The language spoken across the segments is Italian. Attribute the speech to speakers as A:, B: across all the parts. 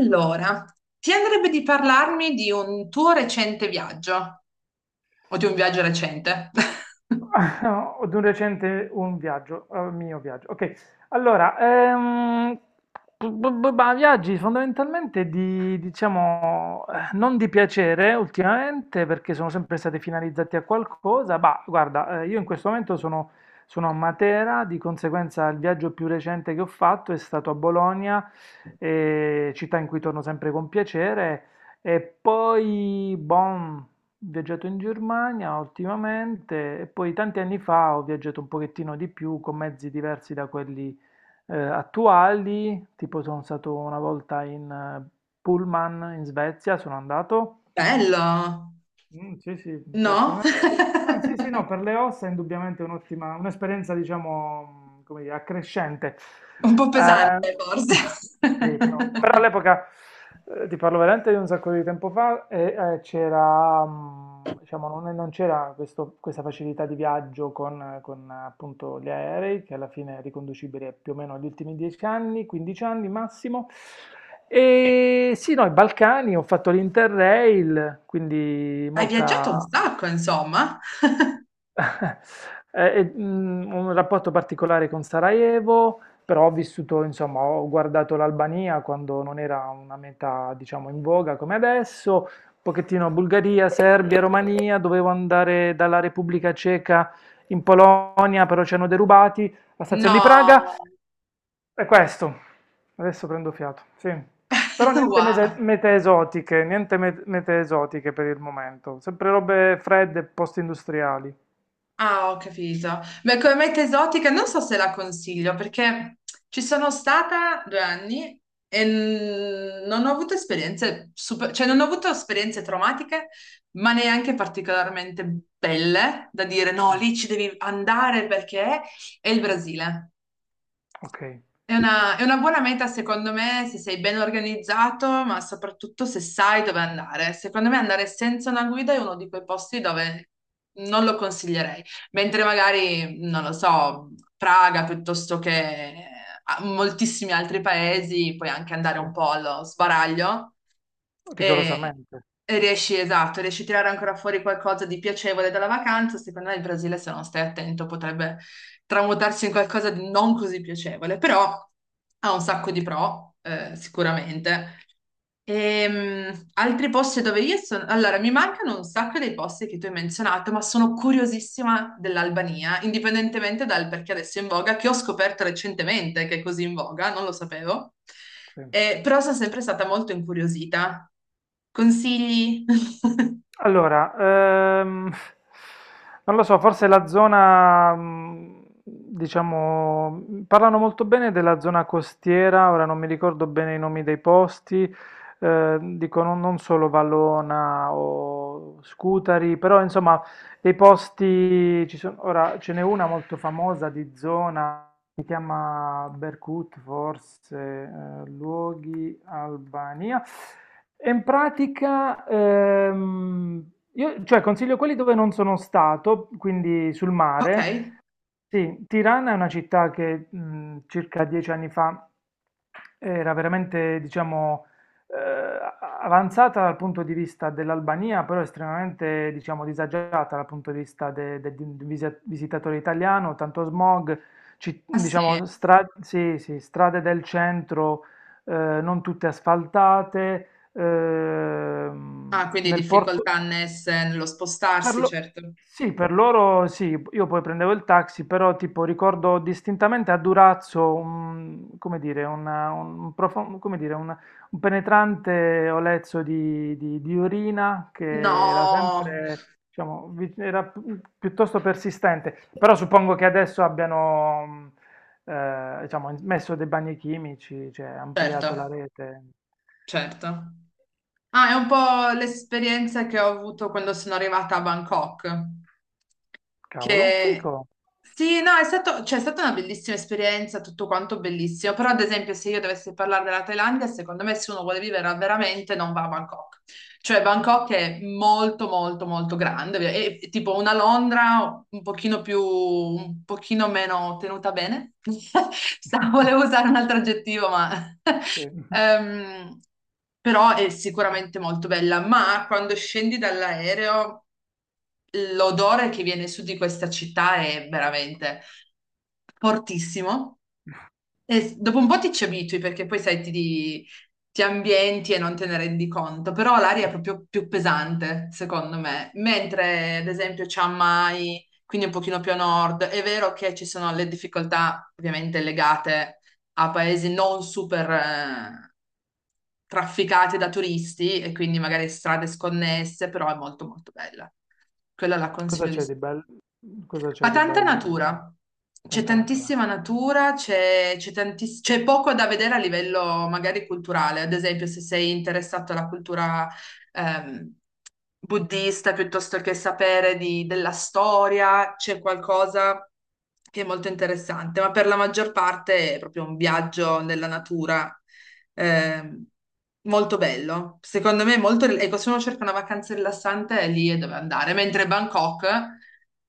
A: Allora, ti andrebbe di parlarmi di un tuo recente viaggio o di un viaggio recente?
B: No, di un recente un viaggio, mio viaggio. Ok, allora, ma viaggi fondamentalmente di, diciamo, non di piacere ultimamente perché sono sempre stati finalizzati a qualcosa, ma guarda, io in questo momento sono a Matera, di conseguenza il viaggio più recente che ho fatto è stato a Bologna, città in cui torno sempre con piacere, e poi, boh, viaggiato in Germania ultimamente e poi tanti anni fa ho viaggiato un pochettino di più con mezzi diversi da quelli attuali, tipo sono stato una volta in pullman in Svezia, sono andato.
A: Bello,
B: Mm, sì, sì,
A: no?
B: certamente. Ma sì, sì, no, per le ossa è indubbiamente un'ottima, un'esperienza, diciamo, come dire, accrescente.
A: Un po'
B: Ehm,
A: pesante, forse.
B: sì, però all'epoca, ti parlo veramente di un sacco di tempo fa, e, c'era, diciamo, non c'era questa facilità di viaggio con, appunto gli aerei, che alla fine è riconducibile più o meno agli ultimi 10 anni, 15 anni massimo. E sì, no, i Balcani, ho fatto l'Interrail, quindi
A: Hai viaggiato un
B: molta...
A: sacco, insomma.
B: Un rapporto particolare con Sarajevo, però ho vissuto, insomma, ho guardato l'Albania quando non era una meta, diciamo, in voga come adesso, un pochettino Bulgaria, Serbia, Romania, dovevo andare dalla Repubblica Ceca in Polonia, però ci hanno derubati, la stazione di Praga,
A: No,
B: è questo. Adesso prendo fiato, sì. Però niente
A: wow.
B: mete esotiche, niente mete esotiche per il momento, sempre robe fredde, post-industriali.
A: Ah, ho capito. Beh, come meta esotica non so se la consiglio perché ci sono stata due anni e non ho avuto esperienze super, cioè non ho avuto esperienze traumatiche, ma neanche particolarmente belle da dire no,
B: Mm,
A: lì ci devi andare perché è il Brasile.
B: Ok.
A: È una buona meta secondo me se sei ben organizzato, ma soprattutto se sai dove andare. Secondo me andare senza una guida è uno di quei posti dove non lo consiglierei, mentre magari, non lo so, Praga piuttosto che moltissimi altri paesi, puoi anche andare
B: Sì,
A: un po' allo sbaraglio e,
B: rigorosamente.
A: e riesci, esatto, riesci a tirare ancora fuori qualcosa di piacevole dalla vacanza. Secondo me il Brasile, se non stai attento, potrebbe tramutarsi in qualcosa di non così piacevole, però ha un sacco di pro, sicuramente. Altri posti dove io sono... Allora, mi mancano un sacco dei posti che tu hai menzionato, ma sono curiosissima dell'Albania, indipendentemente dal perché adesso è in voga, che ho scoperto recentemente che è così in voga, non lo sapevo.
B: Sì.
A: Però sono sempre stata molto incuriosita. Consigli?
B: Allora, ehm, non lo so, forse la zona, diciamo, parlano molto bene della zona costiera, ora non mi ricordo bene i nomi dei posti, dicono non solo Vallona o Scutari, però insomma, dei posti, ci sono, ora ce n'è una molto famosa di zona si chiama Berkut, forse luoghi Albania. E in pratica, io cioè, consiglio quelli dove non sono stato, quindi sul
A: Ok.
B: mare. Sì, Tirana è una città che circa 10 anni fa era veramente, diciamo, avanzata dal punto di vista dell'Albania, però estremamente, diciamo, disagiata dal punto di vista di un visitatore italiano, tanto smog,
A: Ah sì.
B: diciamo, sì, sì, strade del centro eh, non tutte asfaltate,
A: Ah, quindi
B: nel porto...
A: difficoltà annesse nello
B: Per
A: spostarsi,
B: lo-
A: certo.
B: Sì, per loro sì, io poi prendevo il taxi, però tipo ricordo distintamente a Durazzo un, come dire, un, come dire, un penetrante olezzo di urina che era
A: No,
B: sempre, diciamo, era piuttosto persistente, però suppongo che adesso abbiano, diciamo, messo dei bagni chimici, cioè ampliato la
A: certo,
B: rete.
A: certo. Ah, è un po' l'esperienza che ho avuto quando sono arrivata a Bangkok.
B: Cavolo,
A: Che
B: fico.
A: sì, no, è stato, cioè, è stata una bellissima esperienza, tutto quanto bellissimo. Però, ad esempio, se io dovessi parlare della Thailandia, secondo me, se uno vuole vivere veramente, non va a Bangkok. Cioè Bangkok è molto molto molto grande, è tipo una Londra un pochino più, un pochino meno tenuta bene. Volevo usare un altro aggettivo, ma...
B: Sì.
A: ehm, però è sicuramente molto bella, ma quando scendi dall'aereo l'odore che viene su di questa città è veramente fortissimo. E dopo un po' ti ci abitui perché poi sai, ti ambienti e non te ne rendi conto, però l'aria è proprio più pesante, secondo me. Mentre, ad esempio, Chiang Mai, quindi un pochino più a nord, è vero che ci sono le difficoltà ovviamente legate a paesi non super trafficati da turisti e quindi magari strade sconnesse, però è molto molto bella. Quella la
B: Cosa
A: consiglio di
B: c'è di bello? Cosa
A: ma
B: c'è di
A: tanta
B: bello in generale?
A: natura, c'è
B: Tanta natura.
A: tantissima natura, c'è c'è poco da vedere a livello magari culturale, ad esempio se sei interessato alla cultura ehm, buddista piuttosto che sapere della storia, c'è qualcosa che è molto interessante, ma per la maggior parte è proprio un viaggio nella natura eh, molto bello. Secondo me è molto... Ecco, se uno cerca una vacanza rilassante, è lì è dove andare. Mentre Bangkok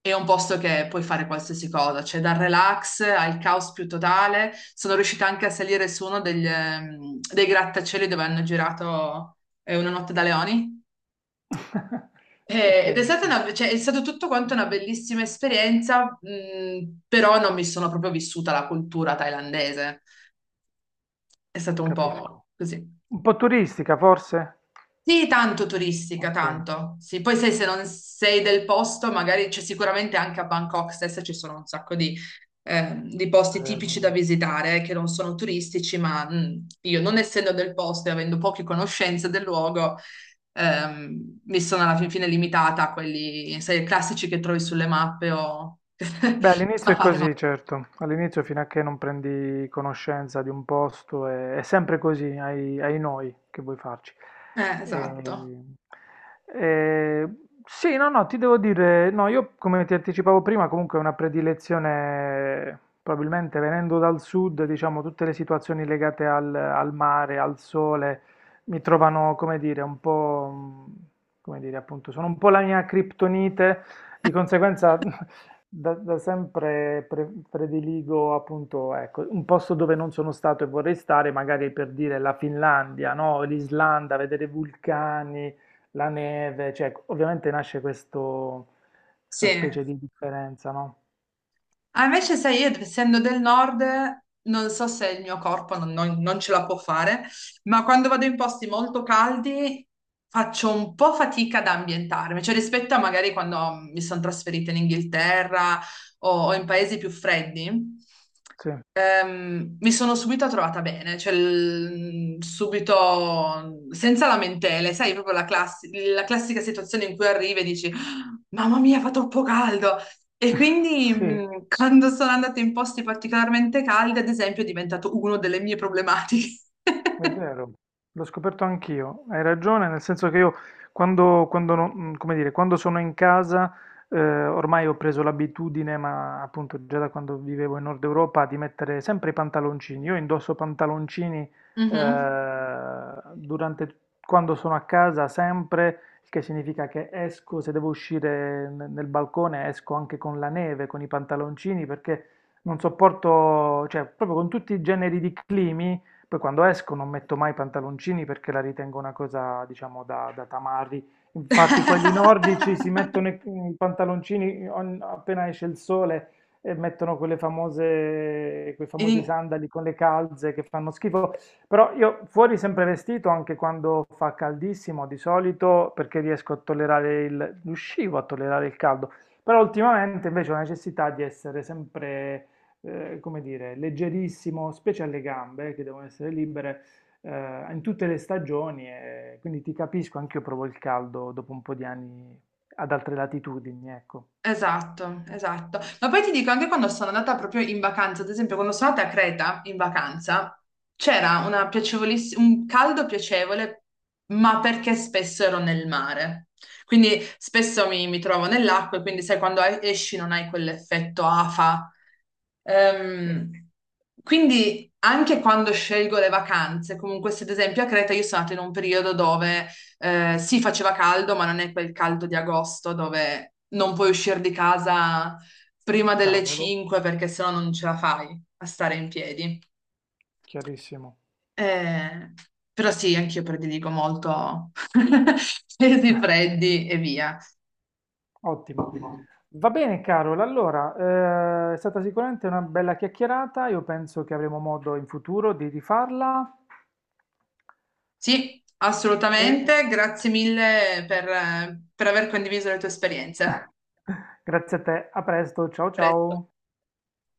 A: è un posto che puoi fare qualsiasi cosa, cioè dal relax al caos più totale. Sono riuscita anche a salire su uno degli, dei grattacieli dove hanno girato Una notte da leoni.
B: Ok,
A: Ed è stata
B: sì,
A: cioè, è stato tutto quanto una bellissima esperienza, però non mi sono proprio vissuta la cultura thailandese. È stato un po'
B: capisco.
A: così.
B: Un po' turistica forse?
A: Sì, tanto turistica,
B: Ok, è
A: tanto. Sì, poi sai, se non sei del posto, magari c'è sicuramente anche a Bangkok stessa ci sono un sacco di posti
B: vero, è
A: tipici da
B: vero.
A: visitare che non sono turistici, ma io non essendo del posto e avendo poche conoscenze del luogo, mi sono alla fin fine limitata a quelli, sai, classici che trovi sulle mappe o...
B: Beh, all'inizio
A: a
B: è
A: fare.
B: così, certo. All'inizio, fino a che non prendi conoscenza di un posto, è sempre così, hai, hai noi che vuoi farci.
A: Esatto.
B: E- e- sì, no, no, ti devo dire, no, io come ti anticipavo prima, comunque è una predilezione, probabilmente venendo dal sud, diciamo, tutte le situazioni legate al mare, al sole, mi trovano, come dire, un po', mm, come dire, appunto, sono un po' la mia criptonite. Di conseguenza Da sempre prediligo appunto, ecco, un posto dove non sono stato e vorrei stare, magari per dire la Finlandia, no? L'Islanda, vedere i vulcani, la neve, cioè ecco, ovviamente nasce questo,
A: Sì.
B: questa specie di differenza, no?
A: Ah, invece, sai, io essendo del nord, non so se il mio corpo non ce la può fare, ma quando vado in posti molto caldi faccio un po' fatica ad ambientarmi, cioè rispetto a magari quando mi sono trasferita in Inghilterra o in paesi più freddi,
B: Sì,
A: mi sono subito trovata bene, cioè subito senza lamentele, sai, proprio la la classica situazione in cui arrivi e dici, "Ah, Mamma mia, fa troppo caldo! E quindi
B: sì.
A: quando sono andata in posti particolarmente caldi, ad esempio, è diventato una delle mie problematiche.
B: È vero, l'ho scoperto anch'io. Hai ragione, nel senso che io quando come dire, quando sono in casa, eh, ormai ho preso l'abitudine, ma appunto già da quando vivevo in Nord Europa, di mettere sempre i pantaloncini. Io indosso pantaloncini,
A: Mhm.
B: durante, quando sono a casa sempre, il che significa che esco, se devo uscire nel balcone, esco anche con la neve, con i pantaloncini, perché non sopporto, cioè proprio con tutti i generi di climi. Poi quando esco non metto mai pantaloncini perché la ritengo una cosa, diciamo, da tamarri. Infatti quelli nordici si mettono i pantaloncini appena esce il sole e mettono quelle famose, quei famosi
A: In-
B: sandali con le calze che fanno schifo. Però io fuori sempre vestito, anche quando fa caldissimo di solito, perché riesco a tollerare il, riuscivo a tollerare il caldo. Però ultimamente invece ho la necessità di essere sempre come dire, leggerissimo, specie alle gambe che devono essere libere in tutte le stagioni. E quindi ti capisco, anche io provo il caldo dopo un po' di anni ad altre latitudini, ecco.
A: Esatto, esatto. Ma poi ti dico, anche quando sono andata proprio in vacanza, ad esempio, quando sono andata a Creta in vacanza, c'era una piacevolissima, un caldo piacevole, ma perché spesso ero nel mare. Quindi spesso mi trovo nell'acqua e quindi sai, quando esci non hai quell'effetto afa.
B: Sì,
A: Ehm, quindi anche quando scelgo le vacanze, comunque se ad esempio a Creta io sono andata in un periodo dove sì, faceva caldo, ma non è quel caldo di agosto dove non puoi uscire di casa prima delle
B: cavolo,
A: 5 perché sennò non ce la fai a stare in piedi.
B: chiarissimo,
A: Eh, però sì, anch'io prediligo molto pesi freddi e via.
B: ottimo. Va bene, Carol, allora, è stata sicuramente una bella chiacchierata, io penso che avremo modo in futuro di rifarla.
A: Sì,
B: E
A: assolutamente. Grazie mille per aver condiviso le tue esperienze. A
B: grazie a te, a presto, ciao
A: presto.
B: ciao.